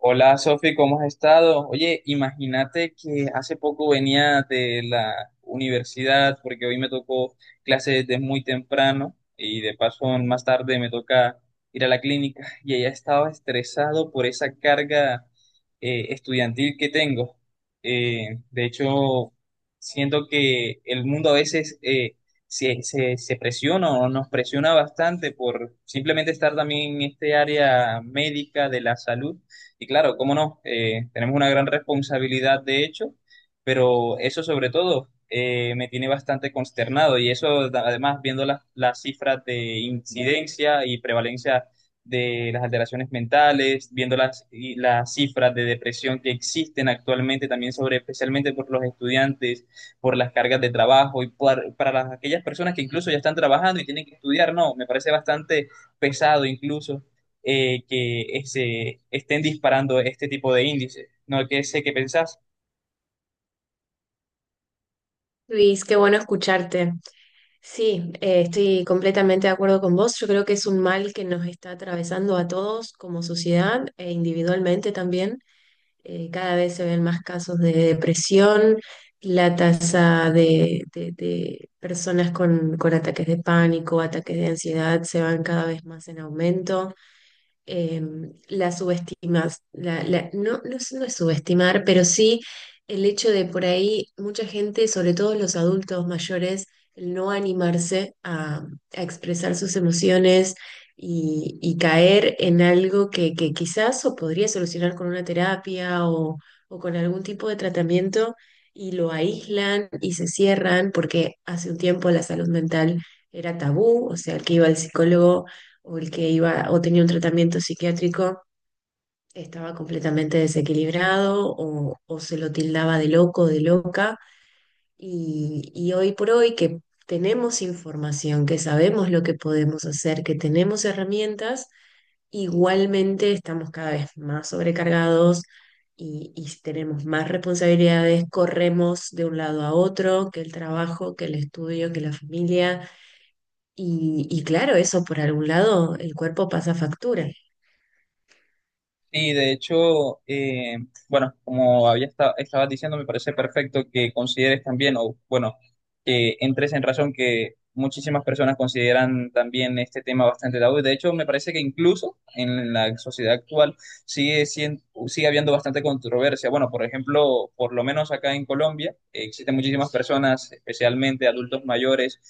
Hola Sofi, ¿cómo has estado? Oye, imagínate que hace poco venía de la universidad porque hoy me tocó clase desde muy temprano y de paso más tarde me toca ir a la clínica y ella estaba estresado por esa carga estudiantil que tengo. De hecho, siento que el mundo a veces se presiona o nos presiona bastante por simplemente estar también en este área médica de la salud y claro, cómo no, tenemos una gran responsabilidad de hecho, pero eso sobre todo me tiene bastante consternado y además viendo las cifras de incidencia y prevalencia de las alteraciones mentales, viendo las cifras de depresión que existen actualmente también sobre especialmente por los estudiantes, por las cargas de trabajo y para aquellas personas que incluso ya están trabajando y tienen que estudiar, no, me parece bastante pesado incluso que se estén disparando este tipo de índices, ¿no? Que sé qué pensás. Luis, qué bueno escucharte. Sí, estoy completamente de acuerdo con vos. Yo creo que es un mal que nos está atravesando a todos como sociedad e individualmente también. Cada vez se ven más casos de depresión, la tasa de personas con ataques de pánico, ataques de ansiedad se van cada vez más en aumento, eh, la subestimas, no, no, es no es subestimar, pero sí el hecho de por ahí mucha gente, sobre todo los adultos mayores, el no animarse a expresar sus emociones y caer en algo que quizás o podría solucionar con una terapia o con algún tipo de tratamiento, y lo aíslan y se cierran porque hace un tiempo la salud mental era tabú, o sea, el que iba al psicólogo o el que iba o tenía un tratamiento psiquiátrico estaba completamente desequilibrado o se lo tildaba de loco, de loca. Y hoy por hoy que tenemos información, que sabemos lo que podemos hacer, que tenemos herramientas, igualmente estamos cada vez más sobrecargados. Y tenemos más responsabilidades, corremos de un lado a otro, que el trabajo, que el estudio, que la familia. Y claro, eso por algún lado, el cuerpo pasa factura. Y de hecho, bueno, como estabas diciendo, me parece perfecto que consideres también, o bueno, que entres en razón que muchísimas personas consideran también este tema bastante tabú. De hecho, me parece que incluso en la sociedad actual sigue habiendo bastante controversia. Bueno, por ejemplo, por lo menos acá en Colombia, existen muchísimas personas, especialmente adultos mayores,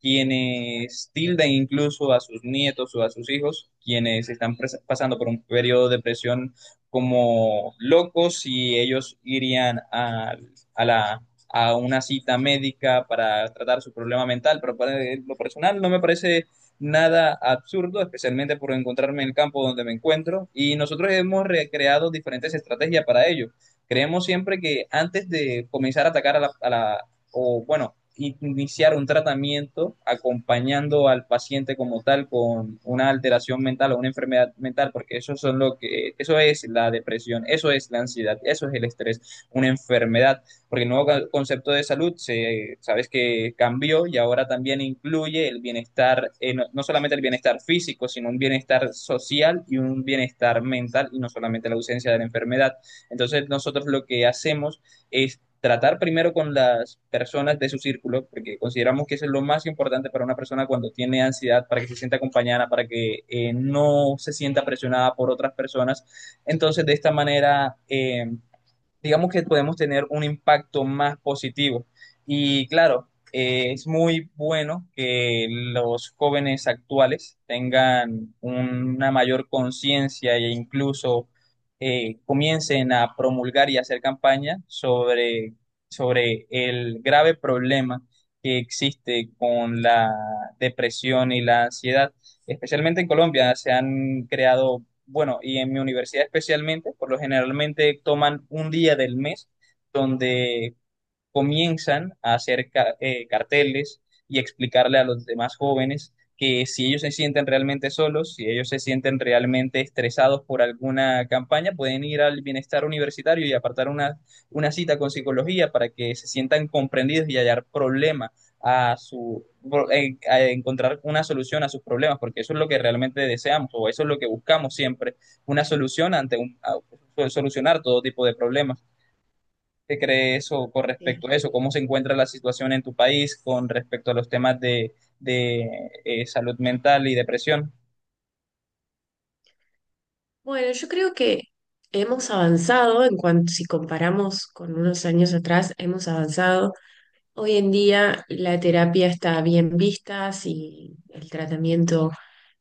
quienes tilden incluso a sus nietos o a sus hijos, quienes pasando por un periodo de depresión como locos y ellos irían a la, a una cita médica para tratar su problema mental, pero para lo personal no me parece nada absurdo, especialmente por encontrarme en el campo donde me encuentro y nosotros hemos recreado diferentes estrategias para ello. Creemos siempre que antes de comenzar a atacar a la o bueno, iniciar un tratamiento acompañando al paciente como tal con una alteración mental o una enfermedad mental, porque eso son lo que eso es la depresión, eso es la ansiedad, eso es el estrés, una enfermedad, porque el nuevo concepto de salud se sabes que cambió y ahora también incluye el bienestar no, no solamente el bienestar físico, sino un bienestar social y un bienestar mental y no solamente la ausencia de la enfermedad. Entonces, nosotros lo que hacemos es tratar primero con las personas de su círculo, porque consideramos que eso es lo más importante para una persona cuando tiene ansiedad, para que se sienta acompañada, para que no se sienta presionada por otras personas. Entonces, de esta manera, digamos que podemos tener un impacto más positivo. Y claro, es muy bueno que los jóvenes actuales tengan una mayor conciencia e incluso comiencen a promulgar y hacer campaña sobre el grave problema que existe con la depresión y la ansiedad especialmente en Colombia, se han creado, bueno, y en mi universidad especialmente, por lo generalmente toman un día del mes donde comienzan a hacer carteles y explicarle a los demás jóvenes que si ellos se sienten realmente solos, si ellos se sienten realmente estresados por alguna campaña, pueden ir al bienestar universitario y apartar una cita con psicología para que se sientan comprendidos y hallar problema a encontrar una solución a sus problemas, porque eso es lo que realmente deseamos o eso es lo que buscamos siempre, una solución ante solucionar todo tipo de problemas. ¿Qué cree eso con Sí. respecto a eso? ¿Cómo se encuentra la situación en tu país con respecto a los temas de salud mental y depresión? Bueno, yo creo que hemos avanzado en cuanto, si comparamos con unos años atrás, hemos avanzado. Hoy en día la terapia está bien vista, si el tratamiento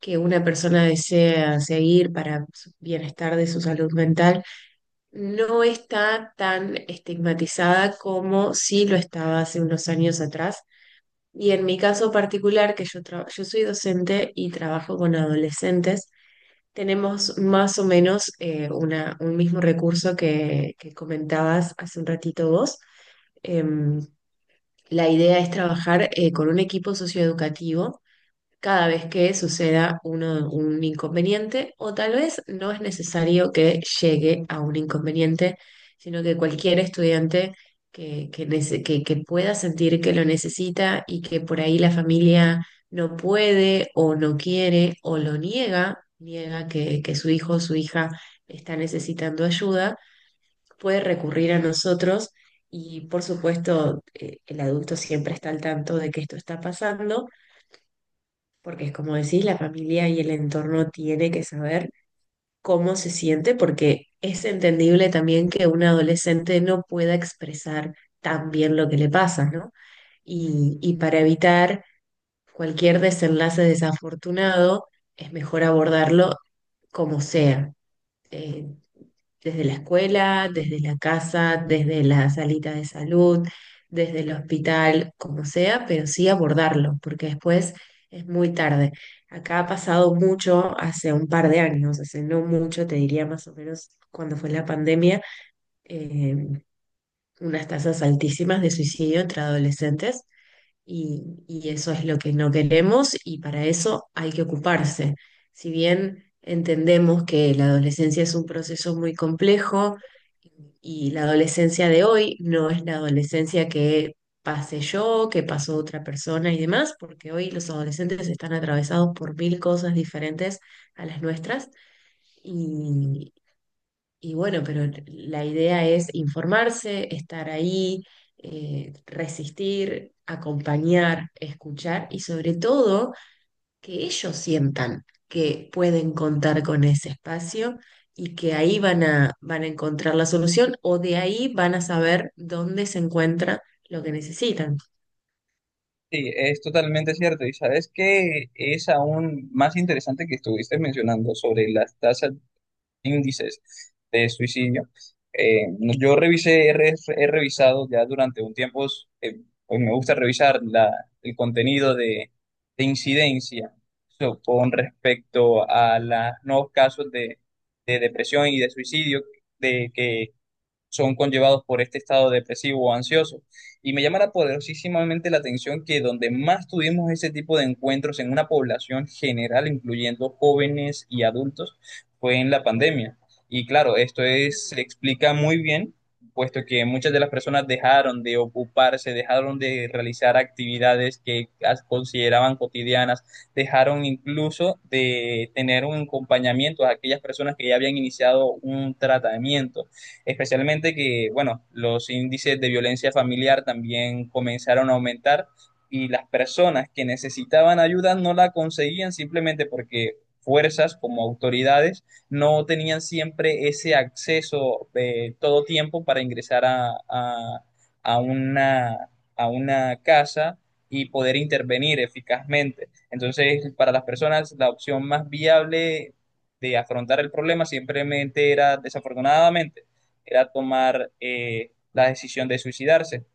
que una persona desea seguir para su bienestar de su salud mental no está tan estigmatizada como si lo estaba hace unos años atrás. Y en mi caso particular, que yo, yo soy docente y trabajo con adolescentes, tenemos más o menos una, un mismo recurso que comentabas hace un ratito vos. Em, la idea es trabajar con un equipo socioeducativo cada vez que suceda un inconveniente o tal vez no es necesario que llegue a un inconveniente, sino que cualquier estudiante que, que pueda sentir que lo necesita y que por ahí la familia no puede o no quiere o lo niega, niega que su hijo o su hija está necesitando ayuda, puede recurrir a nosotros. Y por supuesto, el adulto siempre está al tanto de que esto está pasando, porque es como decís, la familia y el entorno tiene que saber cómo se siente, porque es entendible también que un adolescente no pueda expresar tan bien lo que le pasa, ¿no? Y para evitar cualquier desenlace desafortunado, es mejor abordarlo como sea. Eh, Desde la escuela, desde la casa, desde la salita de salud, desde el hospital, como sea, pero sí abordarlo, porque después es muy tarde. Acá ha pasado mucho hace un par de años, hace no mucho, te diría más o menos cuando fue la pandemia, eh, unas tasas altísimas de suicidio entre adolescentes y eso es lo que no queremos y para eso hay que ocuparse. Si bien entendemos que la adolescencia es un proceso muy complejo y la adolescencia de hoy no es la adolescencia que pasé yo, que pasó otra persona y demás, porque hoy los adolescentes están atravesados por mil cosas diferentes a las nuestras y y bueno, pero la idea es informarse, estar ahí, resistir, acompañar, escuchar y sobre todo que ellos sientan que pueden contar con ese espacio y que ahí van a encontrar la solución o de ahí van a saber dónde se encuentra lo que necesitan. Sí, es totalmente cierto. Y sabes que es aún más interesante que estuviste mencionando sobre las tasas índices de suicidio. No- yo revisé, he, re- He revisado ya durante un tiempo, pues me gusta revisar el contenido de incidencia so, con respecto a los nuevos casos de depresión y de suicidio de que son conllevados por este estado depresivo o ansioso. Y me llama la poderosísimamente la atención que donde más tuvimos ese tipo de encuentros en una población general, incluyendo jóvenes y adultos, fue en la pandemia. Y claro, esto es, se explica muy bien, puesto que muchas de las personas dejaron de ocuparse, dejaron de realizar actividades que consideraban cotidianas, dejaron incluso de tener un acompañamiento a aquellas personas que ya habían iniciado un tratamiento especialmente que, bueno, los índices de violencia familiar también comenzaron a aumentar y las personas que necesitaban ayuda no la conseguían simplemente porque fuerzas como autoridades no tenían siempre ese acceso de todo tiempo para ingresar a una, a una casa y poder intervenir eficazmente. Entonces, para las personas, la opción más viable de afrontar el problema simplemente era, desafortunadamente, era tomar la decisión de suicidarse.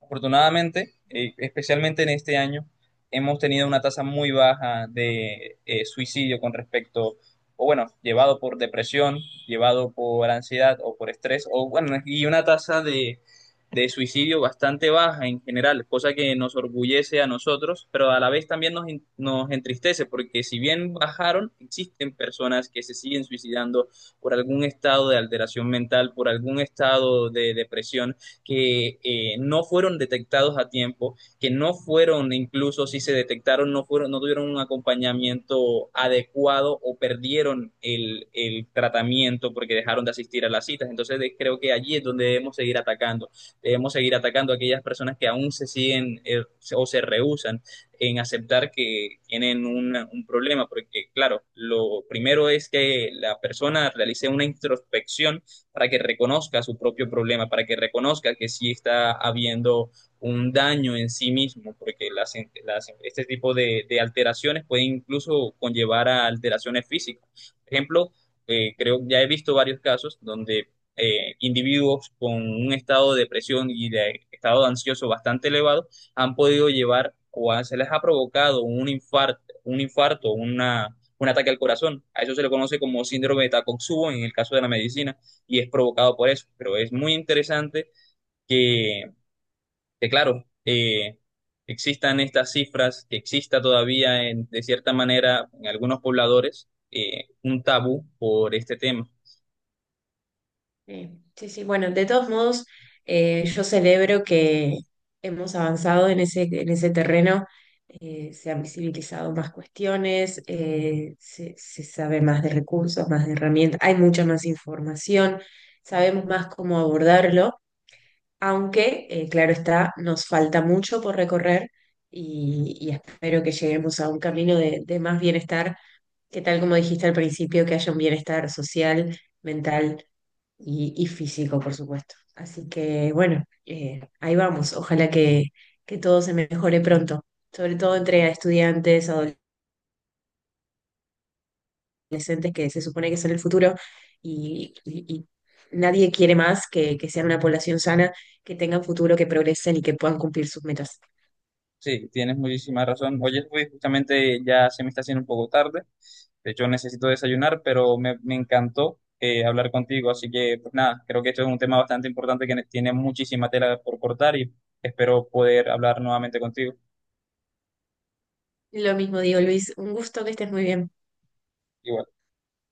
Afortunadamente, especialmente en este año, hemos tenido una tasa muy baja de suicidio con respecto, o bueno, llevado por depresión, llevado por ansiedad o por estrés, o bueno, y una tasa de suicidio bastante baja en general, cosa que nos orgullece a nosotros, pero a la vez también nos entristece, porque si bien bajaron, existen personas que se siguen suicidando por algún estado de alteración mental, por algún estado de depresión que no fueron detectados a tiempo, que no fueron, incluso si se detectaron, no fueron, no tuvieron un acompañamiento adecuado o perdieron el tratamiento porque dejaron de asistir a las citas. Entonces de- creo que allí es donde debemos seguir atacando. Debemos seguir atacando a aquellas personas que aún se siguen o se rehúsan en aceptar que tienen un problema, porque claro, lo primero es que la persona realice una introspección para que reconozca su propio problema, para que reconozca que sí está habiendo un daño en sí mismo, porque este tipo de alteraciones pueden incluso conllevar a alteraciones físicas. Por ejemplo, creo ya he visto varios casos donde individuos con un estado de depresión y de estado ansioso bastante elevado han podido llevar o se les ha provocado un infarto, un ataque al corazón. A eso se le conoce como síndrome de Takotsubo en el caso de la medicina y es provocado por eso. Pero es muy interesante que, que claro, existan estas cifras, que exista todavía de cierta manera en algunos pobladores un tabú por este tema. Sí, sí, sí. Bueno, de todos modos, yo celebro que hemos avanzado en en ese terreno, se han visibilizado más cuestiones, se, se sabe más de recursos, más de herramientas, hay mucha más información, sabemos más cómo abordarlo, aunque, claro está, nos falta mucho por recorrer y espero que lleguemos a un camino de más bienestar, que tal como dijiste al principio, que haya un bienestar social, mental y físico, por supuesto. Así que bueno, ahí vamos. Ojalá que todo se mejore pronto, sobre todo entre estudiantes, adolescentes, que se supone que son el futuro y nadie quiere más que sean una población sana, que tengan futuro, que progresen y que puedan cumplir sus metas. Sí, tienes muchísima razón. Oye, Luis, justamente ya se me está haciendo un poco tarde. De hecho, necesito desayunar, pero me encantó hablar contigo. Así que, pues nada, creo que esto es un tema bastante importante que tiene muchísima tela por cortar y espero poder hablar nuevamente contigo. Lo mismo digo, Luis, un gusto que estés muy bien. Igual.